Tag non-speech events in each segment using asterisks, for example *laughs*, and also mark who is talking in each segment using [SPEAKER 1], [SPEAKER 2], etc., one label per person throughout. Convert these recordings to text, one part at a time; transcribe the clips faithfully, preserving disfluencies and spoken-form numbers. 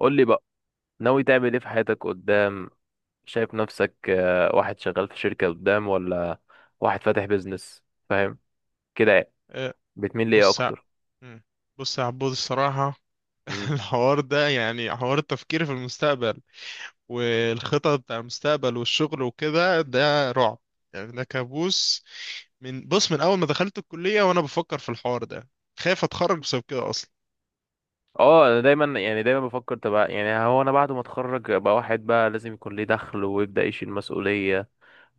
[SPEAKER 1] قول لي بقى، ناوي تعمل ايه في حياتك قدام؟ شايف نفسك آه، واحد شغال في شركة قدام، ولا واحد فاتح بيزنس فاهم كده يعني؟
[SPEAKER 2] آه،
[SPEAKER 1] بتميل ليه
[SPEAKER 2] بص ع-
[SPEAKER 1] اكتر؟
[SPEAKER 2] مم. بص يا عبود الصراحة.
[SPEAKER 1] امم
[SPEAKER 2] *laughs* الحوار ده يعني حوار التفكير في المستقبل والخطط بتاع المستقبل والشغل وكده، ده رعب يعني، ده كابوس. من بص من أول ما دخلت الكلية وأنا بفكر في الحوار ده، خايف أتخرج بسبب كده أصلا.
[SPEAKER 1] اه، انا دايما يعني دايما بفكر تبقى يعني، هو انا بعد ما اتخرج ابقى واحد بقى لازم يكون ليه دخل، ويبدأ يشيل مسؤولية،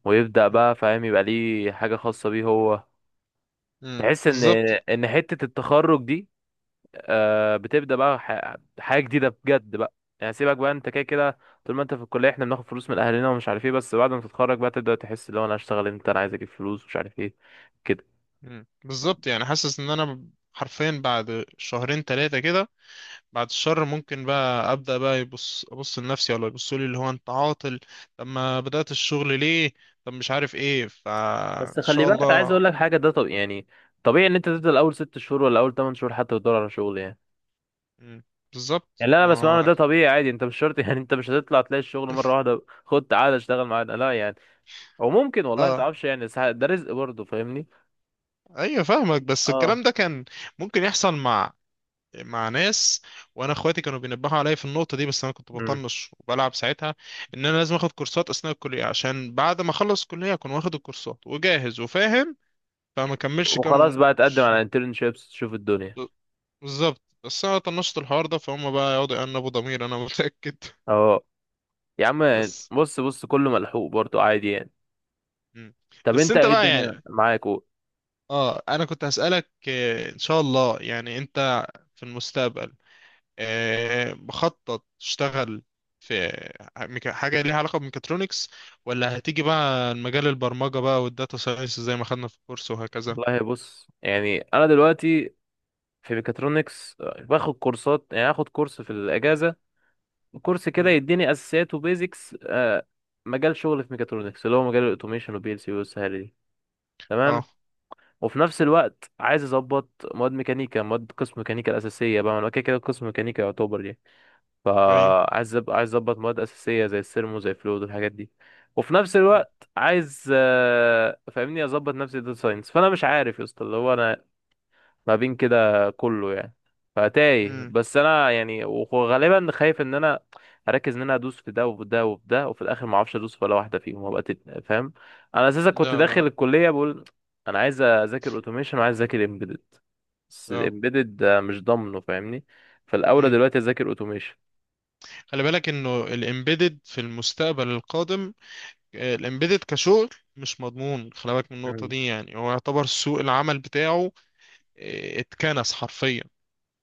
[SPEAKER 1] ويبدأ
[SPEAKER 2] مم.
[SPEAKER 1] بقى فاهم، يبقى ليه حاجة خاصة بيه هو.
[SPEAKER 2] مم.
[SPEAKER 1] تحس ان
[SPEAKER 2] بالظبط.
[SPEAKER 1] ان حتة التخرج دي آه، بتبدا بقى ح- حاجه جديده بجد بقى. يعني سيبك بقى، انت كده كده طول ما انت في الكليه احنا بناخد فلوس من اهلنا ومش عارف ايه، بس بعد ما تتخرج بقى تبدا تحس، اللي هو انا هشتغل امتى، انا عايز اجيب فلوس، مش عارف ايه كده.
[SPEAKER 2] مم. بالظبط، يعني حاسس إن أنا حرفيا بعد شهرين تلاتة كده، بعد الشر، ممكن بقى ابدا بقى يبص ابص لنفسي ولا يبصوا لي اللي هو انت عاطل. طب ما بدات الشغل ليه؟ طب مش عارف ايه،
[SPEAKER 1] بس
[SPEAKER 2] فان
[SPEAKER 1] خلي
[SPEAKER 2] شاء
[SPEAKER 1] بالك، عايز اقول
[SPEAKER 2] الله.
[SPEAKER 1] لك حاجه، ده طب يعني طبيعي ان انت تفضل اول ست شهور ولا اول تمن شهور حتى تدور على شغل يعني.
[SPEAKER 2] مم. بالظبط
[SPEAKER 1] يعني اللي انا بسمعه
[SPEAKER 2] ما.
[SPEAKER 1] إن ده طبيعي عادي، انت مش شرط *laughs* يعني انت مش هتطلع تلاقي الشغل مره واحده، خد تعالى اشتغل معانا، لا يعني. او ممكن والله ما
[SPEAKER 2] اه،
[SPEAKER 1] تعرفش، يعني ساعات- ده رزق برضه فاهمني.
[SPEAKER 2] ايوه فاهمك، بس
[SPEAKER 1] اه
[SPEAKER 2] الكلام ده كان ممكن يحصل مع مع ناس، وانا اخواتي كانوا بينبهوا عليا في النقطه دي بس انا كنت
[SPEAKER 1] امم
[SPEAKER 2] بطنش وبلعب ساعتها، ان انا لازم اخد كورسات اثناء الكليه عشان بعد ما اخلص الكليه اكون واخد الكورسات وجاهز وفاهم، فما كملش
[SPEAKER 1] وخلاص
[SPEAKER 2] كام.
[SPEAKER 1] بقى تقدم على انترنشيبس، تشوف الدنيا.
[SPEAKER 2] بالظبط، بس انا طنشت الحوار ده، فهم بقى يقعدوا يأنبوا ضمير انا متأكد.
[SPEAKER 1] اه يا عم،
[SPEAKER 2] *laughs* بس.
[SPEAKER 1] بص بص كله ملحوق برضو عادي يعني.
[SPEAKER 2] مم.
[SPEAKER 1] طب
[SPEAKER 2] بس
[SPEAKER 1] انت
[SPEAKER 2] انت
[SPEAKER 1] ايه
[SPEAKER 2] بقى
[SPEAKER 1] الدنيا
[SPEAKER 2] يعني،
[SPEAKER 1] معاك و-
[SPEAKER 2] اه انا كنت هسألك، آه، ان شاء الله يعني انت في المستقبل آه، مخطط تشتغل في ميكا- حاجة ليها علاقة بميكاترونكس، ولا هتيجي بقى المجال البرمجة بقى والداتا ساينس زي ما خدنا في الكورس وهكذا؟
[SPEAKER 1] والله بص، يعني انا دلوقتي في ميكاترونكس آه، باخد كورسات، يعني اخد كورس في الاجازه، كورس كده
[SPEAKER 2] مم.
[SPEAKER 1] يديني اساسيات وبيزكس آه مجال شغل في ميكاترونكس، اللي هو مجال الاوتوميشن وبي ال سي والسهاله دي، تمام.
[SPEAKER 2] اه.
[SPEAKER 1] وفي نفس الوقت عايز اظبط مواد ميكانيكا، مواد قسم ميكانيكا الاساسيه بقى، ما انا كده كده قسم ميكانيكا يعتبر يعني.
[SPEAKER 2] ايوه.
[SPEAKER 1] فعايز أب- عايز اظبط مواد اساسيه زي السيرمو زي فلويد والحاجات دي. وفي نفس
[SPEAKER 2] مم.
[SPEAKER 1] الوقت عايز، آه، فاهمني، اظبط نفسي داتا ساينس، فانا مش عارف يا اسطى، اللي هو انا ما بين كده كله يعني. فتايه،
[SPEAKER 2] مم.
[SPEAKER 1] بس انا يعني، وغالبا خايف ان انا اركز ان انا ادوس في ده وفي ده وفي ده، وفي الاخر ما اعرفش ادوس في ولا واحده فيهم، وابقى تت- فاهم. انا اساسا كنت
[SPEAKER 2] لا
[SPEAKER 1] داخل
[SPEAKER 2] لا.
[SPEAKER 1] الكليه بقول، انا عايز اذاكر اوتوميشن وعايز اذاكر امبيدد، بس
[SPEAKER 2] اه.
[SPEAKER 1] امبيدد مش ضامنه فاهمني، فالاولى
[SPEAKER 2] مم.
[SPEAKER 1] دلوقتي اذاكر اوتوميشن.
[SPEAKER 2] خلي بالك انه الامبيدد في المستقبل القادم، الامبيدد كشغل مش مضمون. خلي بالك من النقطة دي، يعني هو يعتبر سوق العمل بتاعه آه، اتكنس حرفيا،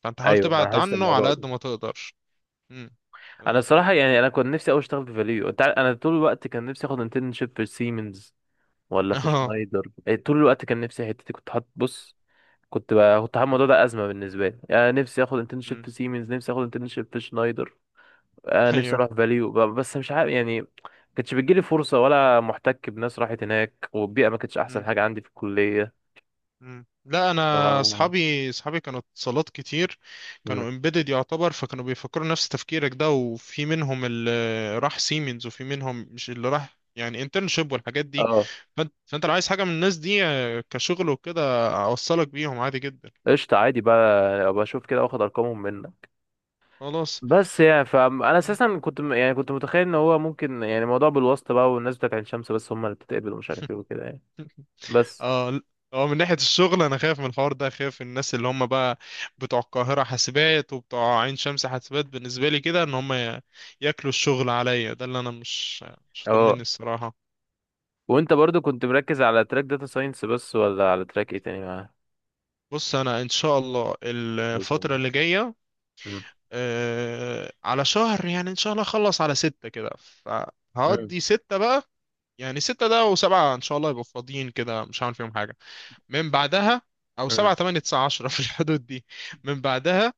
[SPEAKER 2] فانت حاول
[SPEAKER 1] ايوه انا
[SPEAKER 2] تبعد
[SPEAKER 1] حاسس
[SPEAKER 2] عنه على
[SPEAKER 1] الموضوع
[SPEAKER 2] قد
[SPEAKER 1] ده.
[SPEAKER 2] ما تقدر. مم. *laughs*
[SPEAKER 1] انا
[SPEAKER 2] اه.
[SPEAKER 1] الصراحه يعني، انا كنت نفسي اوي اشتغل في فاليو، انت عارف انا طول الوقت كان نفسي اخد انترنشيب في سيمنز، ولا في
[SPEAKER 2] آه.
[SPEAKER 1] شنايدر، إيه، طول الوقت كان نفسي، حتتي كنت حاطط بص، كنت بقى كنت حاطط الموضوع
[SPEAKER 2] مم.
[SPEAKER 1] ده ازمه بالنسبه لي، يعني نفسي اخد انترنشيب
[SPEAKER 2] مم.
[SPEAKER 1] في سيمنز، نفسي اخد انترنشيب في شنايدر، آه، نفسي
[SPEAKER 2] ايوه.
[SPEAKER 1] اروح فاليو ب- بس مش عارف يعني، كانتش بتجيلي فرصه، ولا محتك بناس راحت هناك، والبيئه ما كانتش احسن حاجه عندي في الكليه.
[SPEAKER 2] مم. لا، انا
[SPEAKER 1] اه.
[SPEAKER 2] اصحابي اصحابي كانوا اتصالات كتير،
[SPEAKER 1] مم.
[SPEAKER 2] كانوا امبيدد يعتبر، فكانوا بيفكروا نفس تفكيرك ده، وفي منهم اللي راح سيمنز وفي منهم مش اللي راح يعني انترنشيب والحاجات دي،
[SPEAKER 1] اه.
[SPEAKER 2] فانت فانت لو عايز حاجه من الناس دي آه، كشغل وكده، اوصلك بيهم عادي جدا.
[SPEAKER 1] قشطه عادي بقى، ابقى اشوف كده واخد ارقامهم منك.
[SPEAKER 2] خلاص.
[SPEAKER 1] بس يعني، فانا
[SPEAKER 2] مم.
[SPEAKER 1] اساسا كنت م- يعني كنت متخيل ان هو ممكن، يعني موضوع بالواسطه بقى، والناس بتاعت عين شمس بس هم اللي بتتقبل، ومش عارف ايه
[SPEAKER 2] *laughs*
[SPEAKER 1] وكده يعني. بس
[SPEAKER 2] اه ل- اه، من ناحية الشغل انا خايف من الحوار ده، خايف الناس اللي هم بقى بتوع القاهرة حاسبات وبتوع عين شمس حاسبات بالنسبة لي كده ان هم ي- ياكلوا الشغل عليا، ده اللي انا مش مش طمني
[SPEAKER 1] اه.
[SPEAKER 2] الصراحة.
[SPEAKER 1] وانت برضو كنت مركز على تراك داتا ساينس بس، ولا على تراك ايه تاني معاه؟
[SPEAKER 2] بص، انا ان شاء الله الفترة
[SPEAKER 1] بإذن.
[SPEAKER 2] اللي جاية
[SPEAKER 1] مم. الله.
[SPEAKER 2] آه على شهر، يعني ان شاء الله اخلص على ستة كده،
[SPEAKER 1] مم.
[SPEAKER 2] فهقضي ستة بقى، يعني ستة ده وسبعة ان شاء الله يبقوا فاضيين كده، مش هعمل فيهم حاجة. من بعدها، او سبعة
[SPEAKER 1] مم.
[SPEAKER 2] تمانية تسعة عشرة *laughs* في الحدود دي، من بعدها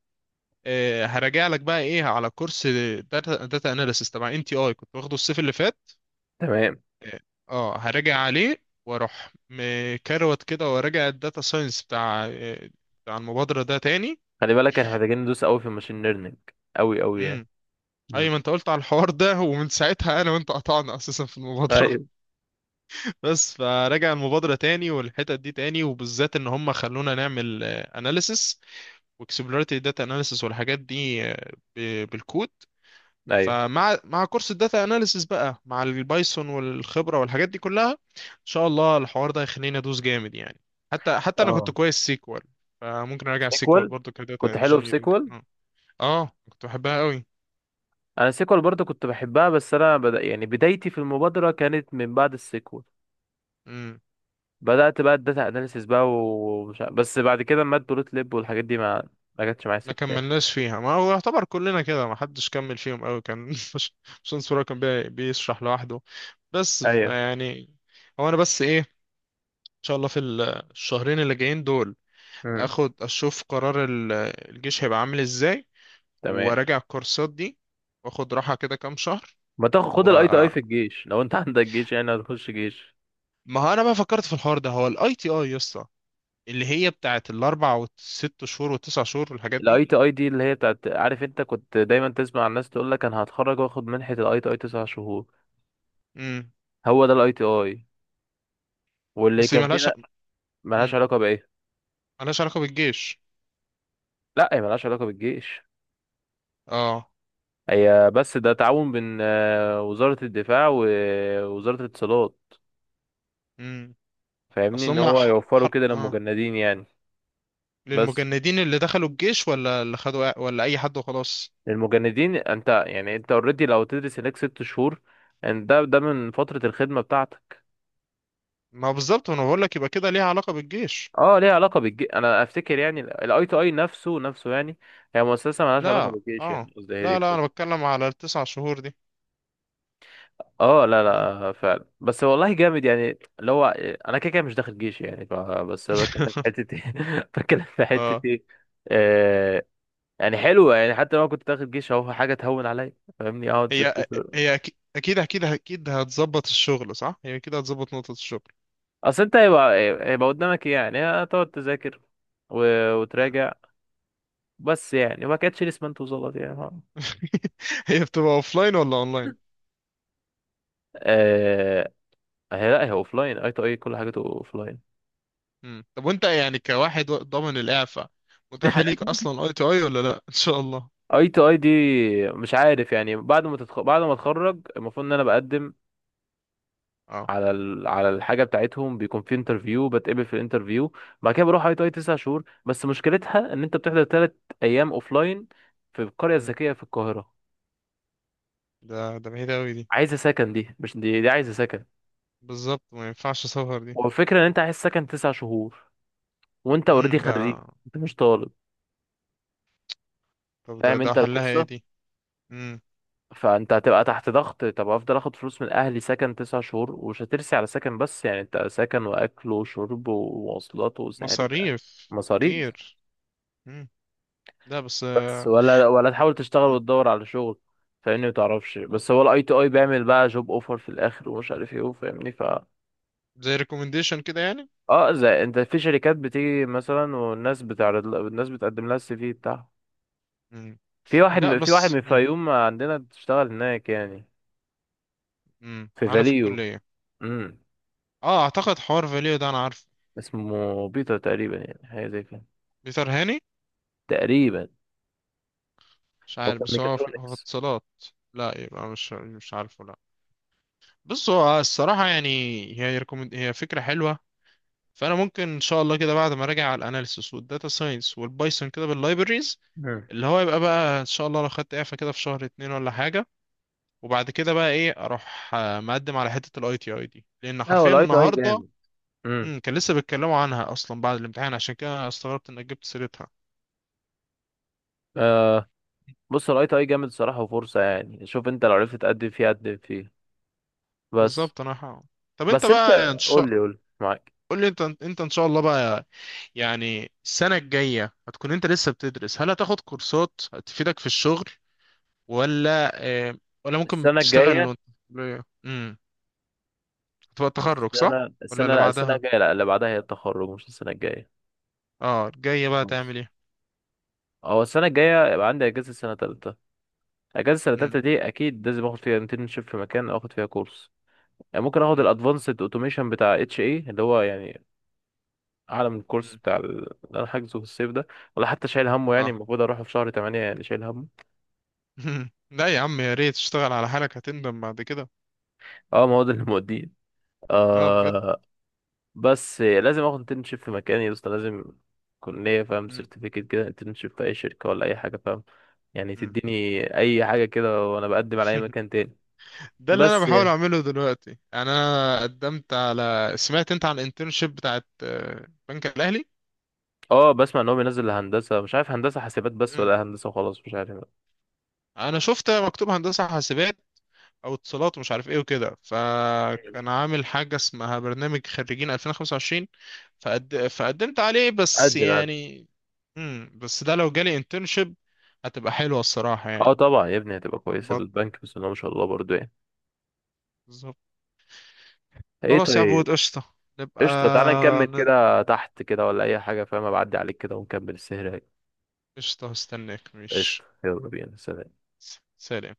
[SPEAKER 2] آه، هراجع لك بقى ايه، على كورس داتا داتا اناليسيس تبع ان تي اي، كنت واخده الصيف اللي فات.
[SPEAKER 1] تمام.
[SPEAKER 2] اه، هراجع عليه واروح مكروت كده، وراجع الداتا ساينس بتاع آه، بتاع المبادرة ده تاني.
[SPEAKER 1] خلي بالك احنا محتاجين ندوس قوي في الماشين ليرنينج، قوي قوي يعني.
[SPEAKER 2] امم. اي
[SPEAKER 1] مم.
[SPEAKER 2] ما انت قلت على الحوار ده، ومن ساعتها انا وانت قطعنا اساسا في المبادرة.
[SPEAKER 1] ايوه.
[SPEAKER 2] *laughs* بس فراجع المبادرة تاني والحتت دي تاني، وبالذات ان هم خلونا نعمل اناليسيس واكسبلوريتي داتا اناليسيس والحاجات دي آه، ب- بالكود.
[SPEAKER 1] ايوه.
[SPEAKER 2] فمع مع كورس الداتا اناليسيس بقى، مع البايثون والخبره والحاجات دي كلها، ان شاء الله الحوار ده هيخليني ادوس جامد يعني. حتى حتى انا كنت
[SPEAKER 1] اه.
[SPEAKER 2] كويس سيكوال، فممكن اراجع سيكوال
[SPEAKER 1] سيكوال،
[SPEAKER 2] برضو كداتا
[SPEAKER 1] كنت حلو في
[SPEAKER 2] انجينيرنج.
[SPEAKER 1] سيكوال.
[SPEAKER 2] اه، آه، كنت بحبها قوي.
[SPEAKER 1] انا سيكوال برضو كنت بحبها، بس انا بدا يعني، بدايتي في المبادره كانت من بعد السيكوال،
[SPEAKER 2] امم.
[SPEAKER 1] بدأت بقى الداتا اناليسيس بقى، ومش ع- بس بعد كده مات بلوت ليب والحاجات دي، ما ما جاتش معايا
[SPEAKER 2] ما
[SPEAKER 1] سكة يعني.
[SPEAKER 2] كملناش فيها، ما هو يعتبر كلنا كده ما حدش كمل فيهم قوي، كان *laughs* مش مش انصر كان بي- بيشرح لوحده. بس
[SPEAKER 1] ايوه.
[SPEAKER 2] يعني، هو انا بس ايه، ان شاء الله في ال- الشهرين اللي جايين دول،
[SPEAKER 1] امم.
[SPEAKER 2] اخد اشوف قرار ال- الجيش هيبقى عامل ازاي،
[SPEAKER 1] تمام.
[SPEAKER 2] وراجع الكورسات دي، واخد راحة كده كام شهر،
[SPEAKER 1] ما تاخد، خد
[SPEAKER 2] و
[SPEAKER 1] الاي تي اي في الجيش لو انت *laughs* عندك جيش، يعني هتخش جيش.
[SPEAKER 2] ما هو انا بقى فكرت في الحوار ده، هو الاي تي اي يا اسطى، اللي هي بتاعت الاربع والست شهور والتسع شهور والحاجات دي.
[SPEAKER 1] الاي تي اي دي اللي هي بتاعت، عارف انت كنت دايما تسمع الناس تقول لك انا هتخرج واخد منحة الاي تي اي تسع شهور؟
[SPEAKER 2] امم.
[SPEAKER 1] هو ده الاي تي اي، واللي
[SPEAKER 2] بس هي
[SPEAKER 1] كان
[SPEAKER 2] ملهاش.
[SPEAKER 1] فينا. ملهاش
[SPEAKER 2] امم.
[SPEAKER 1] علاقة بايه؟
[SPEAKER 2] ملهاش علاقة بالجيش.
[SPEAKER 1] لا، هي ملهاش علاقة بالجيش.
[SPEAKER 2] اه.
[SPEAKER 1] هي بس ده تعاون بين آه، وزارة الدفاع ووزارة الاتصالات.
[SPEAKER 2] امم.
[SPEAKER 1] فاهمني،
[SPEAKER 2] اصل
[SPEAKER 1] ان
[SPEAKER 2] هم
[SPEAKER 1] هو
[SPEAKER 2] ح... ح...
[SPEAKER 1] يوفروا كده
[SPEAKER 2] آه.
[SPEAKER 1] للمجندين يعني. بس
[SPEAKER 2] للمجندين اللي دخلوا الجيش، ولا اللي خدوا، ولا اي حد وخلاص؟
[SPEAKER 1] للمجندين، انت يعني انت اوريدي لو تدرس هناك ست شهور، ان ده ده من فترة الخدمة بتاعتك.
[SPEAKER 2] ما هو بالظبط، انا بقول لك يبقى كده ليها علاقة بالجيش.
[SPEAKER 1] اه ليها علاقة بالجيش، انا افتكر يعني، الاي تو اي نفسه نفسه يعني، هي مؤسسة مالهاش علاقة
[SPEAKER 2] لا
[SPEAKER 1] بالجيش،
[SPEAKER 2] اه،
[SPEAKER 1] يعني قصدي هي دي
[SPEAKER 2] لا لا، انا
[SPEAKER 1] الفكرة.
[SPEAKER 2] بتكلم على التسع شهور دي.
[SPEAKER 1] اه لا
[SPEAKER 2] مم.
[SPEAKER 1] لا فعلا، بس والله جامد يعني، اللي هو انا كده كده مش داخل جيش يعني، ف- بس بتكلم في
[SPEAKER 2] *laughs*
[SPEAKER 1] حتة ايه *laughs* بتكلم في حتة
[SPEAKER 2] اه،
[SPEAKER 1] ايه. آه. يعني حلوة يعني، حتى لو أنا كنت داخل جيش اهو، حاجة تهون عليا، فاهمني، اقعد ست
[SPEAKER 2] هي
[SPEAKER 1] شهور.
[SPEAKER 2] هي أك- اكيد اكيد اكيد هتظبط الشغل، صح؟ هي اكيد هتظبط نقطة الشغل.
[SPEAKER 1] اصل انت، هيبقى هيبقى قدامك إيه يعني؟ هتقعد تذاكر و...
[SPEAKER 2] مم.
[SPEAKER 1] وتراجع، بس يعني وما كانتش لسه، ما انت وظبط يعني، ها.
[SPEAKER 2] *laughs* هي بتبقى اوفلاين ولا اونلاين؟
[SPEAKER 1] آه... هي لا، هي اوف لاين، اي تو اي كل حاجته اوف لاين.
[SPEAKER 2] مم. طب وانت يعني كواحد ضامن الاعفاء، متاحة ليك
[SPEAKER 1] *laughs*
[SPEAKER 2] اصلا اي تو اي ولا لا؟ *laughs* ان شاء الله.
[SPEAKER 1] اي تو اي دي، مش عارف يعني بعد ما تتخ... بعد ما اتخرج، المفروض ان انا بقدم
[SPEAKER 2] اه.
[SPEAKER 1] على ال... على الحاجه بتاعتهم، بيكون في انترفيو، بتقبل في الانترفيو، بعد كده بروح اي تو اي تسع شهور. بس مشكلتها ان انت بتحضر ثلاث ايام اوف لاين في القريه
[SPEAKER 2] مم.
[SPEAKER 1] الذكيه في القاهره.
[SPEAKER 2] ده ده بعيد قوي دي.
[SPEAKER 1] عايزه سكن، دي مش دي, دي عايزه سكن.
[SPEAKER 2] بالظبط، ما ينفعش، سفر دي.
[SPEAKER 1] والفكرة ان انت عايز سكن تسع شهور، وانت اوريدي
[SPEAKER 2] امم،
[SPEAKER 1] خريج،
[SPEAKER 2] ده.
[SPEAKER 1] انت مش طالب،
[SPEAKER 2] طب ده
[SPEAKER 1] فاهم
[SPEAKER 2] ده
[SPEAKER 1] انت
[SPEAKER 2] حلها ايه
[SPEAKER 1] القصة؟
[SPEAKER 2] دي؟ امم.
[SPEAKER 1] فانت هتبقى تحت ضغط، طب افضل اخد فلوس من اهلي، سكن تسع شهور، ومش هترسي على سكن، بس يعني انت سكن واكل وشرب ومواصلات وسعر بقى،
[SPEAKER 2] مصاريف
[SPEAKER 1] مصاريف.
[SPEAKER 2] كتير. امم. لا بس
[SPEAKER 1] بس
[SPEAKER 2] آه،
[SPEAKER 1] ولا ولا تحاول تشتغل
[SPEAKER 2] مم.
[SPEAKER 1] وتدور على شغل، فاهمني؟ متعرفش، بس هو الاي تي اي
[SPEAKER 2] مم.
[SPEAKER 1] بيعمل بقى جوب اوفر في الاخر ومش عارف ايه فاهمني ف،
[SPEAKER 2] زي ريكومنديشن كده يعني.
[SPEAKER 1] اه، زي انت في شركات بتيجي مثلا والناس بتعرض، الناس بتقدم لها السي في بتاعها.
[SPEAKER 2] امم.
[SPEAKER 1] في واحد
[SPEAKER 2] لا
[SPEAKER 1] في واحد من
[SPEAKER 2] بس.
[SPEAKER 1] الفيوم عندنا بتشتغل هناك يعني،
[SPEAKER 2] امم،
[SPEAKER 1] في
[SPEAKER 2] معانا في
[SPEAKER 1] فاليو.
[SPEAKER 2] الكلية.
[SPEAKER 1] امم.
[SPEAKER 2] اه اعتقد حوار فاليو ده انا عارفه.
[SPEAKER 1] اسمه بيتر تقريبا، يعني حاجه زي كده،
[SPEAKER 2] بيتر هاني.
[SPEAKER 1] تقريبا.
[SPEAKER 2] مش
[SPEAKER 1] هو
[SPEAKER 2] عارف،
[SPEAKER 1] كان
[SPEAKER 2] بس هو في، هو في
[SPEAKER 1] ميكاترونكس.
[SPEAKER 2] اتصالات. لا يبقى مش، مش عارفه، لا. بص هو الصراحة يعني، هي ريكومند، هي فكرة حلوة، فأنا ممكن إن شاء الله كده بعد ما أراجع على الأناليسيس والداتا ساينس والبايثون كده باللايبريز،
[SPEAKER 1] امم.
[SPEAKER 2] اللي هو يبقى بقى إن شاء الله لو خدت إعفاء كده في شهر اتنين ولا حاجة، وبعد كده بقى إيه أروح آه، مقدم على حتة الأي تي أي دي، لأن
[SPEAKER 1] لا هو
[SPEAKER 2] حرفيا
[SPEAKER 1] الاي تي اي
[SPEAKER 2] النهاردة،
[SPEAKER 1] جامد. امم.
[SPEAKER 2] مم، كان لسه بيتكلموا عنها أصلا بعد الامتحان، عشان كده استغربت إنك جبت سيرتها.
[SPEAKER 1] آه. بص الاي تي اي جامد الصراحه وفرصه، يعني شوف انت لو عرفت تقدم فيه قدم فيه، بس.
[SPEAKER 2] بالظبط أنا ح- طب انت
[SPEAKER 1] بس انت
[SPEAKER 2] بقى ان
[SPEAKER 1] قول
[SPEAKER 2] شاء.
[SPEAKER 1] لي قول لي معاك.
[SPEAKER 2] قول لي انت انت ان شاء الله بقى، يعني السنة الجاية هتكون انت لسه بتدرس؟ هل هتاخد كورسات هتفيدك في الشغل ولا؟ اه. ولا ممكن
[SPEAKER 1] السنه
[SPEAKER 2] تشتغل
[SPEAKER 1] الجايه،
[SPEAKER 2] وانت. امم. هتبقى التخرج صح
[SPEAKER 1] السنه
[SPEAKER 2] ولا
[SPEAKER 1] السنه
[SPEAKER 2] اللي
[SPEAKER 1] لا السنه
[SPEAKER 2] بعدها؟
[SPEAKER 1] الجايه لا، اللي بعدها هي التخرج مش السنه الجايه.
[SPEAKER 2] اه، الجاية بقى
[SPEAKER 1] بس
[SPEAKER 2] تعمل ايه؟
[SPEAKER 1] هو السنه الجايه يبقى عندي اجازه سنه تالتة، اجازه السنه
[SPEAKER 2] امم.
[SPEAKER 1] التالتة دي اكيد لازم اخد فيها انترنشيب في مكان، او اخد فيها كورس، يعني ممكن اخد
[SPEAKER 2] امم.
[SPEAKER 1] الادفانسد اوتوميشن بتاع اتش اي، اللي هو يعني اعلى من الكورس
[SPEAKER 2] امم.
[SPEAKER 1] بتاع ال- اللي انا حاجزه في الصيف ده. ولا حتى شايل همه يعني،
[SPEAKER 2] اه.
[SPEAKER 1] المفروض اروح في شهر تمانية يعني شايل همه.
[SPEAKER 2] *laughs* لا يا عم، يا ريت تشتغل على حالك، هتندم بعد كده.
[SPEAKER 1] اه ما هو ده اللي موديه.
[SPEAKER 2] اه بجد.
[SPEAKER 1] آه. بس لازم اخد انترنشيب في مكان يا اسطى، لازم يكون ليا فاهم،
[SPEAKER 2] امم.
[SPEAKER 1] سيرتيفيكت كده، انترنشيب في اي شركه ولا اي حاجه فاهم، يعني
[SPEAKER 2] امم.
[SPEAKER 1] تديني اي حاجه كده، وانا بقدم على اي
[SPEAKER 2] *laughs*
[SPEAKER 1] مكان تاني.
[SPEAKER 2] ده اللي انا
[SPEAKER 1] بس
[SPEAKER 2] بحاول اعمله دلوقتي يعني، انا قدمت على، سمعت انت عن الانترنشيب بتاعت آه، بنك الاهلي؟
[SPEAKER 1] اه، بسمع ان هو بينزل هندسه، مش عارف هندسه حاسبات بس، ولا هندسه وخلاص مش عارف.
[SPEAKER 2] انا شفت مكتوب هندسه حاسبات او اتصالات ومش عارف ايه وكده، فكان عامل حاجه اسمها برنامج خريجين ألفين وخمسة وعشرين، فقد... فقدمت عليه بس
[SPEAKER 1] قد ما قد
[SPEAKER 2] يعني. امم. بس ده لو جالي انترنشيب هتبقى حلوه الصراحه
[SPEAKER 1] اه
[SPEAKER 2] يعني.
[SPEAKER 1] طبعا يا ابني هتبقى كويسه
[SPEAKER 2] ظبطنا.
[SPEAKER 1] بالبنك، بس ان هو ما شاء الله برضو يعني.
[SPEAKER 2] بالظبط.
[SPEAKER 1] ايه
[SPEAKER 2] خلاص يا
[SPEAKER 1] طيب.
[SPEAKER 2] عبود قشطه نبقى.
[SPEAKER 1] قشطه تعالى نكمل
[SPEAKER 2] ن-
[SPEAKER 1] كده تحت كده، ولا اي حاجه فاهم، بعدي عليك كده ونكمل السهره.
[SPEAKER 2] قشطه هستناك.
[SPEAKER 1] قشطه
[SPEAKER 2] مش.
[SPEAKER 1] يلا بينا، سلام.
[SPEAKER 2] سلام